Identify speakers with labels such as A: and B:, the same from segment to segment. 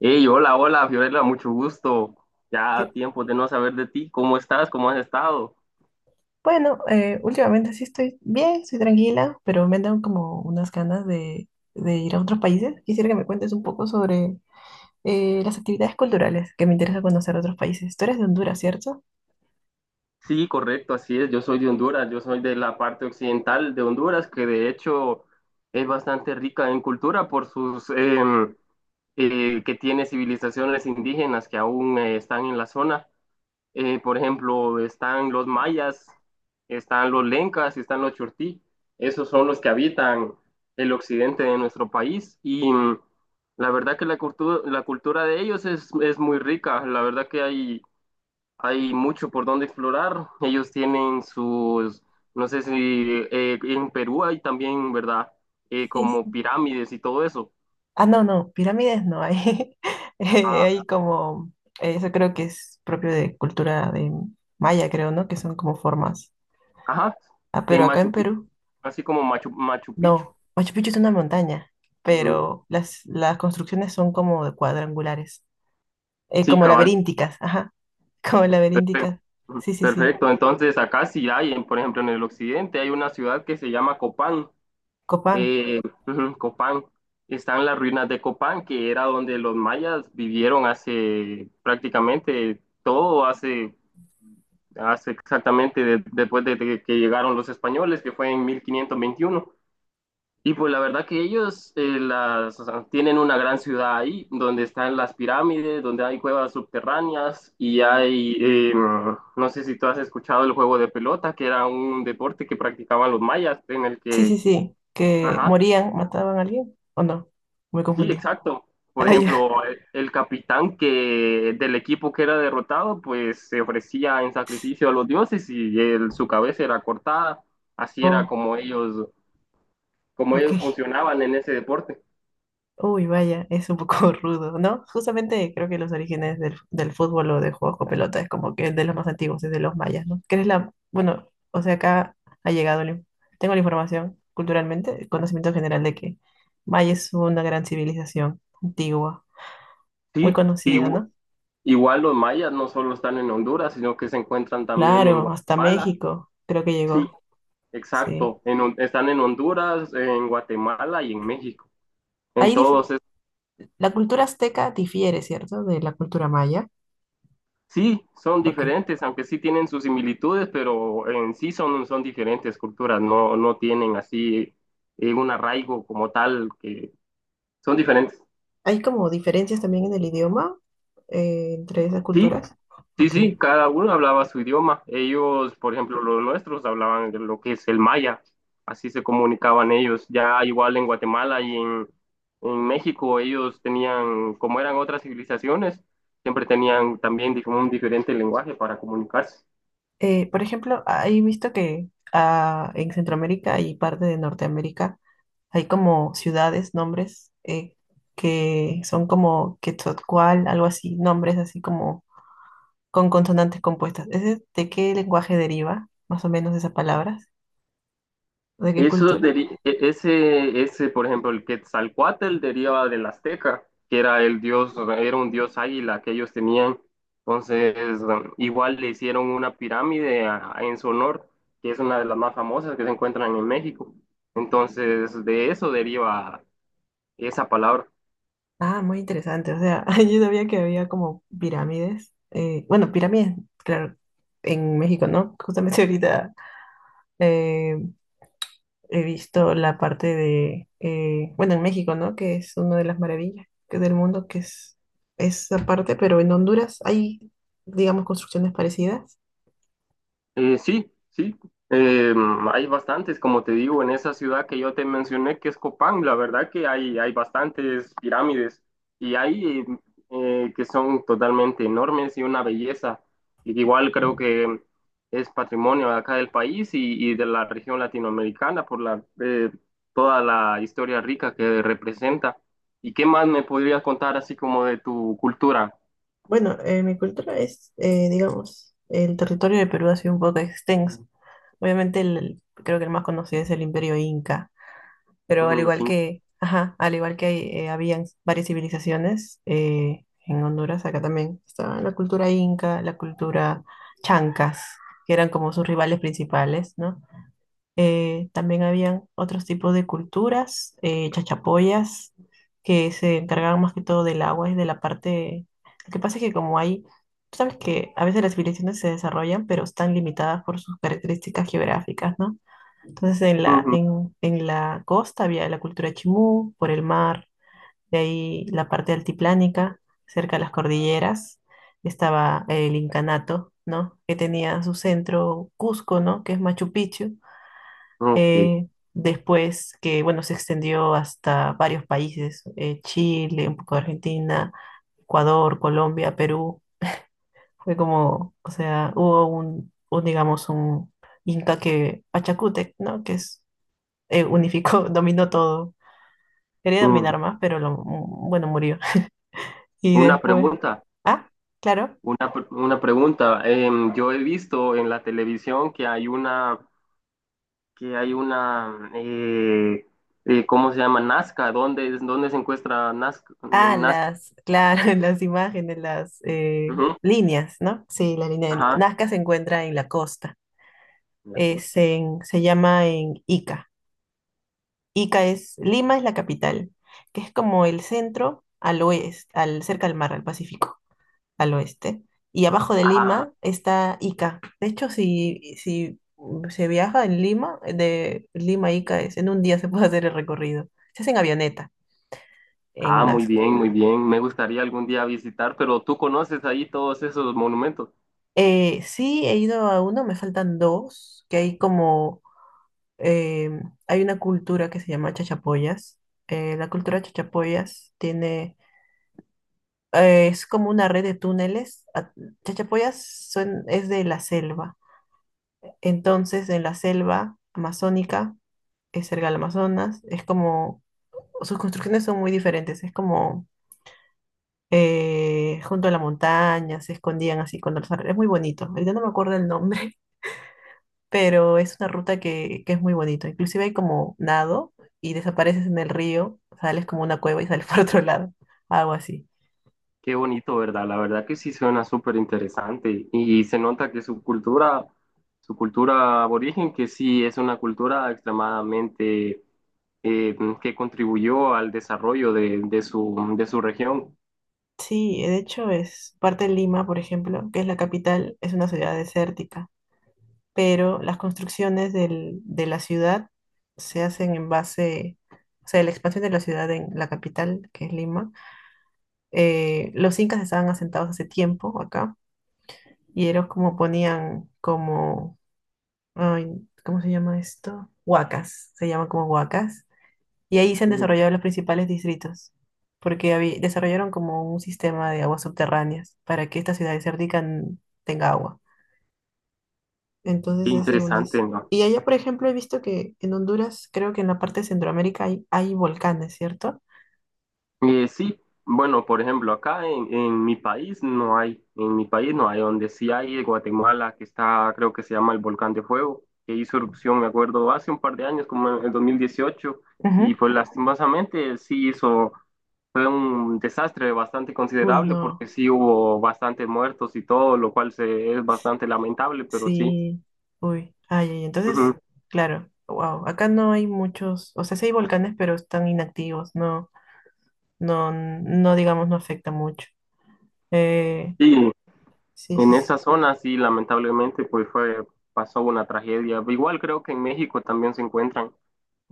A: Hey, hola, hola, Fiorella, mucho gusto. Ya
B: Que,
A: tiempo de no saber de ti. ¿Cómo estás? ¿Cómo has estado?
B: bueno, últimamente sí estoy bien, estoy tranquila, pero me dan como unas ganas de ir a otros países. Quisiera que me cuentes un poco sobre las actividades culturales, que me interesa conocer otros países. Tú eres de Honduras, ¿cierto?
A: Sí, correcto, así es. Yo soy de Honduras, yo soy de la parte occidental de Honduras, que de hecho es bastante rica en cultura por sus que tiene civilizaciones indígenas que aún están en la zona. Por ejemplo, están los mayas, están los lencas y están los chortí. Esos son los que habitan el occidente de nuestro país. Y la verdad que la cultura de ellos es muy rica. La verdad que hay mucho por donde explorar. Ellos tienen sus, no sé si en Perú hay también, ¿verdad?
B: Sí,
A: Como
B: sí.
A: pirámides y todo eso.
B: Ah, no, no, pirámides no hay.
A: Ah,
B: Hay como, eso creo que es propio de cultura de maya, creo, ¿no? Que son como formas.
A: ajá.
B: Ah,
A: En
B: pero acá en
A: Machu Picchu,
B: Perú,
A: así como Machu Picchu.
B: no. Machu Picchu es una montaña,
A: Ujú.
B: pero las construcciones son como de cuadrangulares. Eh,
A: Sí,
B: como
A: cabal.
B: laberínticas, ajá, como
A: Perfecto.
B: laberínticas. Sí, sí, sí.
A: Perfecto. Entonces, acá sí hay, por ejemplo, en el occidente hay una ciudad que se llama Copán.
B: Copán.
A: Eh, ujú, Copán. Están las ruinas de Copán, que era donde los mayas vivieron hace prácticamente todo, hace exactamente después de que llegaron los españoles, que fue en 1521. Y pues la verdad que ellos o sea, tienen una gran ciudad ahí, donde están las pirámides, donde hay cuevas subterráneas y hay no sé si tú has escuchado el juego de pelota, que era un deporte que practicaban los mayas, en el
B: Sí, sí,
A: que,
B: sí. Que
A: ajá,
B: morían, mataban a alguien. ¿O no? Me
A: sí,
B: confundí.
A: exacto. Por
B: Ah, ya.
A: ejemplo, el capitán que del equipo que era derrotado, pues se ofrecía en sacrificio a los dioses y su cabeza era cortada. Así era
B: Oh,
A: como ellos
B: ok.
A: funcionaban en ese deporte.
B: Uy, vaya, es un poco rudo, ¿no? Justamente creo que los orígenes del fútbol o de juegos con pelota es como que de los más antiguos, es de los mayas, ¿no? Que es la, bueno, o sea, acá ha llegado, la in- tengo la información culturalmente, el conocimiento general de que maya es una gran civilización antigua, muy
A: Sí, y
B: conocida, ¿no?
A: igual los mayas no solo están en Honduras, sino que se encuentran también en
B: Claro, hasta
A: Guatemala.
B: México creo que
A: Sí,
B: llegó, sí.
A: exacto. Están en Honduras, en Guatemala y en México.
B: Ahí dif-
A: Entonces,
B: la cultura azteca difiere, ¿cierto? De la cultura maya.
A: sí, son
B: Ok.
A: diferentes, aunque sí tienen sus similitudes, pero en sí son diferentes culturas. No, no tienen así un arraigo como tal, que son diferentes.
B: ¿Hay como diferencias también en el idioma entre esas
A: Sí,
B: culturas?
A: sí,
B: Ok.
A: sí, cada uno hablaba su idioma. Ellos, por ejemplo, los nuestros hablaban de lo que es el maya. Así se comunicaban ellos. Ya igual en Guatemala y en México, ellos tenían, como eran otras civilizaciones, siempre tenían también un diferente lenguaje para comunicarse.
B: Por ejemplo, he visto que ah, en Centroamérica y parte de Norteamérica hay como ciudades, nombres que son como Quetzalcóatl, algo así, nombres así como con consonantes compuestas. ¿Ese de qué lenguaje deriva más o menos esas palabras? ¿De qué
A: Eso
B: cultura?
A: deri- e- ese, por ejemplo, el Quetzalcóatl deriva del azteca, que era el dios, era un dios águila que ellos tenían. Entonces, bueno, igual le hicieron una pirámide en su honor, que es una de las más famosas que se encuentran en México. Entonces, de eso deriva esa palabra.
B: Ah, muy interesante. O sea, yo sabía que había como pirámides. Eh, bueno, pirámides, claro, en México, ¿no? Justamente ahorita eh, he visto la parte de, bueno, en México, ¿no? Que es una de las maravillas que del mundo, que es esa parte, pero en Honduras hay, digamos, construcciones parecidas.
A: Sí, sí. Eh, Hay bastantes, como te digo, en esa ciudad que yo te mencioné, que es Copán, la verdad que hay bastantes pirámides y hay que son totalmente enormes y una belleza. Y igual creo que es patrimonio de acá del país y de la región latinoamericana por toda la historia rica que representa. ¿Y qué más me podrías contar así como de tu cultura?
B: Bueno, mi cultura es, digamos, el territorio de Perú ha sido un poco extenso. Obviamente, creo que el más conocido es el Imperio Inca. Pero al
A: Ujú, los
B: igual
A: incas.
B: que, ajá, al igual que hay, habían varias civilizaciones en Honduras, acá también estaba la cultura inca, la cultura chancas, que eran como sus rivales principales, ¿no? También habían otros tipos de culturas, chachapoyas, que se encargaban más que todo del agua y de la parte... Lo que pasa es que como hay, tú sabes que a veces las civilizaciones se desarrollan, pero están limitadas por sus características geográficas, ¿no? Entonces
A: Ujú,
B: en la costa había la cultura chimú, por el mar, de ahí la parte altiplánica, cerca de las cordilleras, estaba el incanato, ¿no? Que tenía su centro Cusco, ¿no? Que es Machu Picchu.
A: ok.
B: Eh, Después que, bueno, se extendió hasta varios países, Chile, un poco de Argentina, Ecuador, Colombia, Perú. Fue como, o sea, hubo un digamos, un inca que, Pachacútec, ¿no? Que es unificó, dominó todo. Quería
A: Ujú.
B: dominar más, pero lo, bueno, murió. Y
A: Una
B: después,
A: pregunta.
B: ah, claro,
A: Una pregunta. Yo he visto en la televisión que hay una, que hay una, ¿cómo se llama? Nazca. ¿ Dónde se encuentra Nazca?
B: ah,
A: En Nazca.
B: las, claro, las imágenes, las
A: Ujú,
B: líneas, ¿no? Sí, la línea de Na-
A: ajá.
B: Nazca se encuentra en la costa,
A: En la costa.
B: se llama en Ica. Ica es, Lima es la capital, que es como el centro al oeste, al, cerca al mar, al Pacífico. Al oeste. Y abajo de
A: Ah,
B: Lima está Ica. De hecho, si se viaja en Lima, de Lima a Ica es, en un día se puede hacer el recorrido. Se hace en avioneta, en
A: ah, muy
B: Nazca.
A: bien, muy bien. Me gustaría algún día visitar, pero tú conoces ahí todos esos monumentos.
B: Sí, he ido a uno, me faltan dos, que hay como, eh, hay una cultura que se llama chachapoyas. La cultura chachapoyas tiene, es como una red de túneles. Chachapoyas es de la selva. Entonces, en la selva amazónica cerca del Amazonas. Es como, sus construcciones son muy diferentes, es como junto a la montaña, se escondían así con los árboles. Es muy bonito. Ahorita no me acuerdo el nombre, pero es una ruta que es muy bonito. Inclusive hay como nado y desapareces en el río, sales como una cueva y sales por otro lado, algo así.
A: Qué bonito, ¿verdad? La verdad que sí suena súper interesante y se nota que su cultura aborigen, que sí es una cultura extremadamente eh, que contribuyó al desarrollo de su región.
B: Sí, de hecho es parte de Lima, por ejemplo, que es la capital, es una ciudad desértica. Pero las construcciones de la ciudad se hacen en base, o sea, la expansión de la ciudad en la capital, que es Lima. Los incas estaban asentados hace tiempo acá y ellos como ponían como, ay, ¿cómo se llama esto? Huacas, se llaman como huacas. Y ahí se han
A: Ujú.
B: desarrollado los principales distritos, porque desarrollaron como un sistema de aguas subterráneas para que esta ciudad desértica tenga agua.
A: Qué
B: Entonces ese uno
A: interesante,
B: es. Según eso.
A: ¿no?
B: Y allá, por ejemplo, he visto que en Honduras, creo que en la parte de Centroamérica hay, hay volcanes, ¿cierto?
A: Sí, bueno, por ejemplo, en mi país no hay, en mi país no hay, donde sí hay es Guatemala, que está, creo que se llama el Volcán de Fuego, que hizo erupción, me acuerdo, hace un par de años, como en el 2018 y
B: Ujú.
A: pues lastimosamente fue un desastre bastante
B: Uy,
A: considerable
B: no,
A: porque sí hubo bastantes muertos y todo, lo cual es bastante lamentable, pero sí.
B: sí, uy, ay, ay,
A: Ujú.
B: entonces, claro, wow, acá no hay muchos, o sea, sí hay volcanes, pero están inactivos, no, no, no, digamos, no afecta mucho. Eh,
A: Y
B: sí,
A: en
B: sí, sí,
A: esa zona, sí, lamentablemente, pasó una tragedia. Igual creo que en México también se encuentran,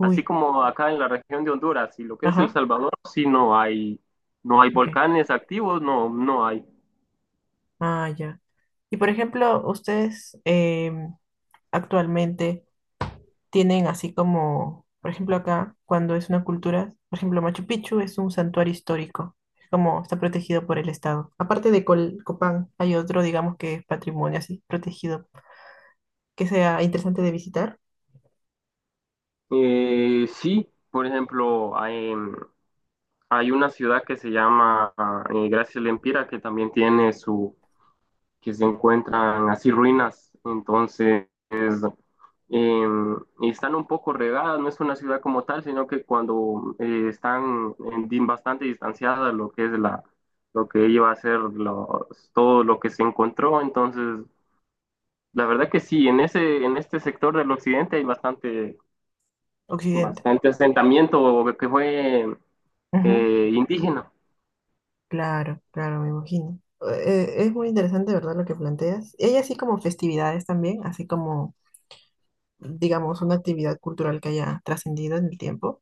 A: así como acá en la región de Honduras y lo que es El
B: ajá,
A: Salvador, sí no hay, no hay
B: ok,
A: volcanes activos, no, no hay.
B: ah, ya. Y por ejemplo, ustedes actualmente... tienen así como, por ejemplo, acá, cuando es una cultura, por ejemplo, Machu Picchu es un santuario histórico, es como está protegido por el Estado. Aparte de Copán, hay otro, digamos, que es patrimonio así, protegido, que sea interesante de visitar.
A: Sí, por ejemplo, hay una ciudad que se llama Gracias Lempira que también tiene su, que se encuentran así ruinas, entonces eh, están un poco regadas, no es una ciudad como tal, sino que cuando bastante distanciadas lo que es lo que iba a ser los, todo lo que se encontró, entonces la verdad que sí, en este sector del occidente hay bastante,
B: Occidente.
A: bastante asentamiento que fue
B: Ujú.
A: indígena.
B: Claro, claro, me imagino. Es muy interesante, ¿verdad? Lo que planteas. Y hay así como festividades también, así como, digamos, una actividad cultural que haya trascendido en el tiempo.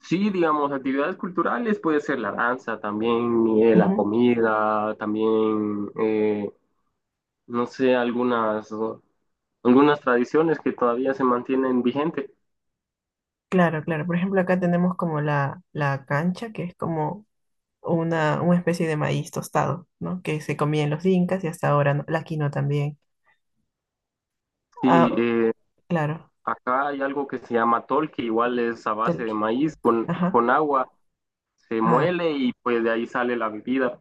A: Sí, digamos, actividades culturales puede ser la danza también, la
B: Ujú.
A: comida, también, no sé, algunas, algunas tradiciones que todavía se mantienen vigentes.
B: Claro, claro. Por ejemplo, acá tenemos como la cancha, que es como una especie de maíz tostado, ¿no? Que se comían los incas y hasta ahora, ¿no? La quinoa también. Ah,
A: Sí,
B: claro,
A: acá hay algo que se llama tol, que igual es a base de
B: tolqui.
A: maíz
B: Ajá.
A: con agua, se
B: Ah,
A: muele y pues de ahí sale la bebida.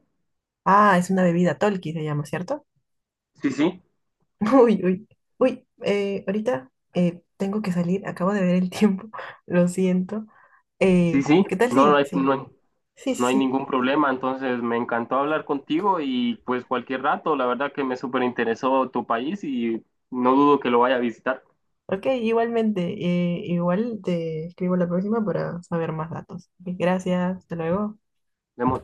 B: ah, es una bebida tolqui, se llama, ¿cierto?
A: Sí, sí,
B: Uy, uy, uy, ahorita tengo que salir, acabo de ver el tiempo, lo siento.
A: sí, sí,
B: ¿Qué tal?
A: no,
B: Sí,
A: no
B: sí,
A: hay-
B: sí, sí,
A: no hay
B: sí.
A: ningún problema, entonces me encantó hablar contigo y pues cualquier rato, la verdad que me súper interesó tu país y no dudo que lo vaya a visitar.
B: Ok, igualmente, igual te escribo la próxima para saber más datos. Ok, gracias, hasta luego.
A: Vemos.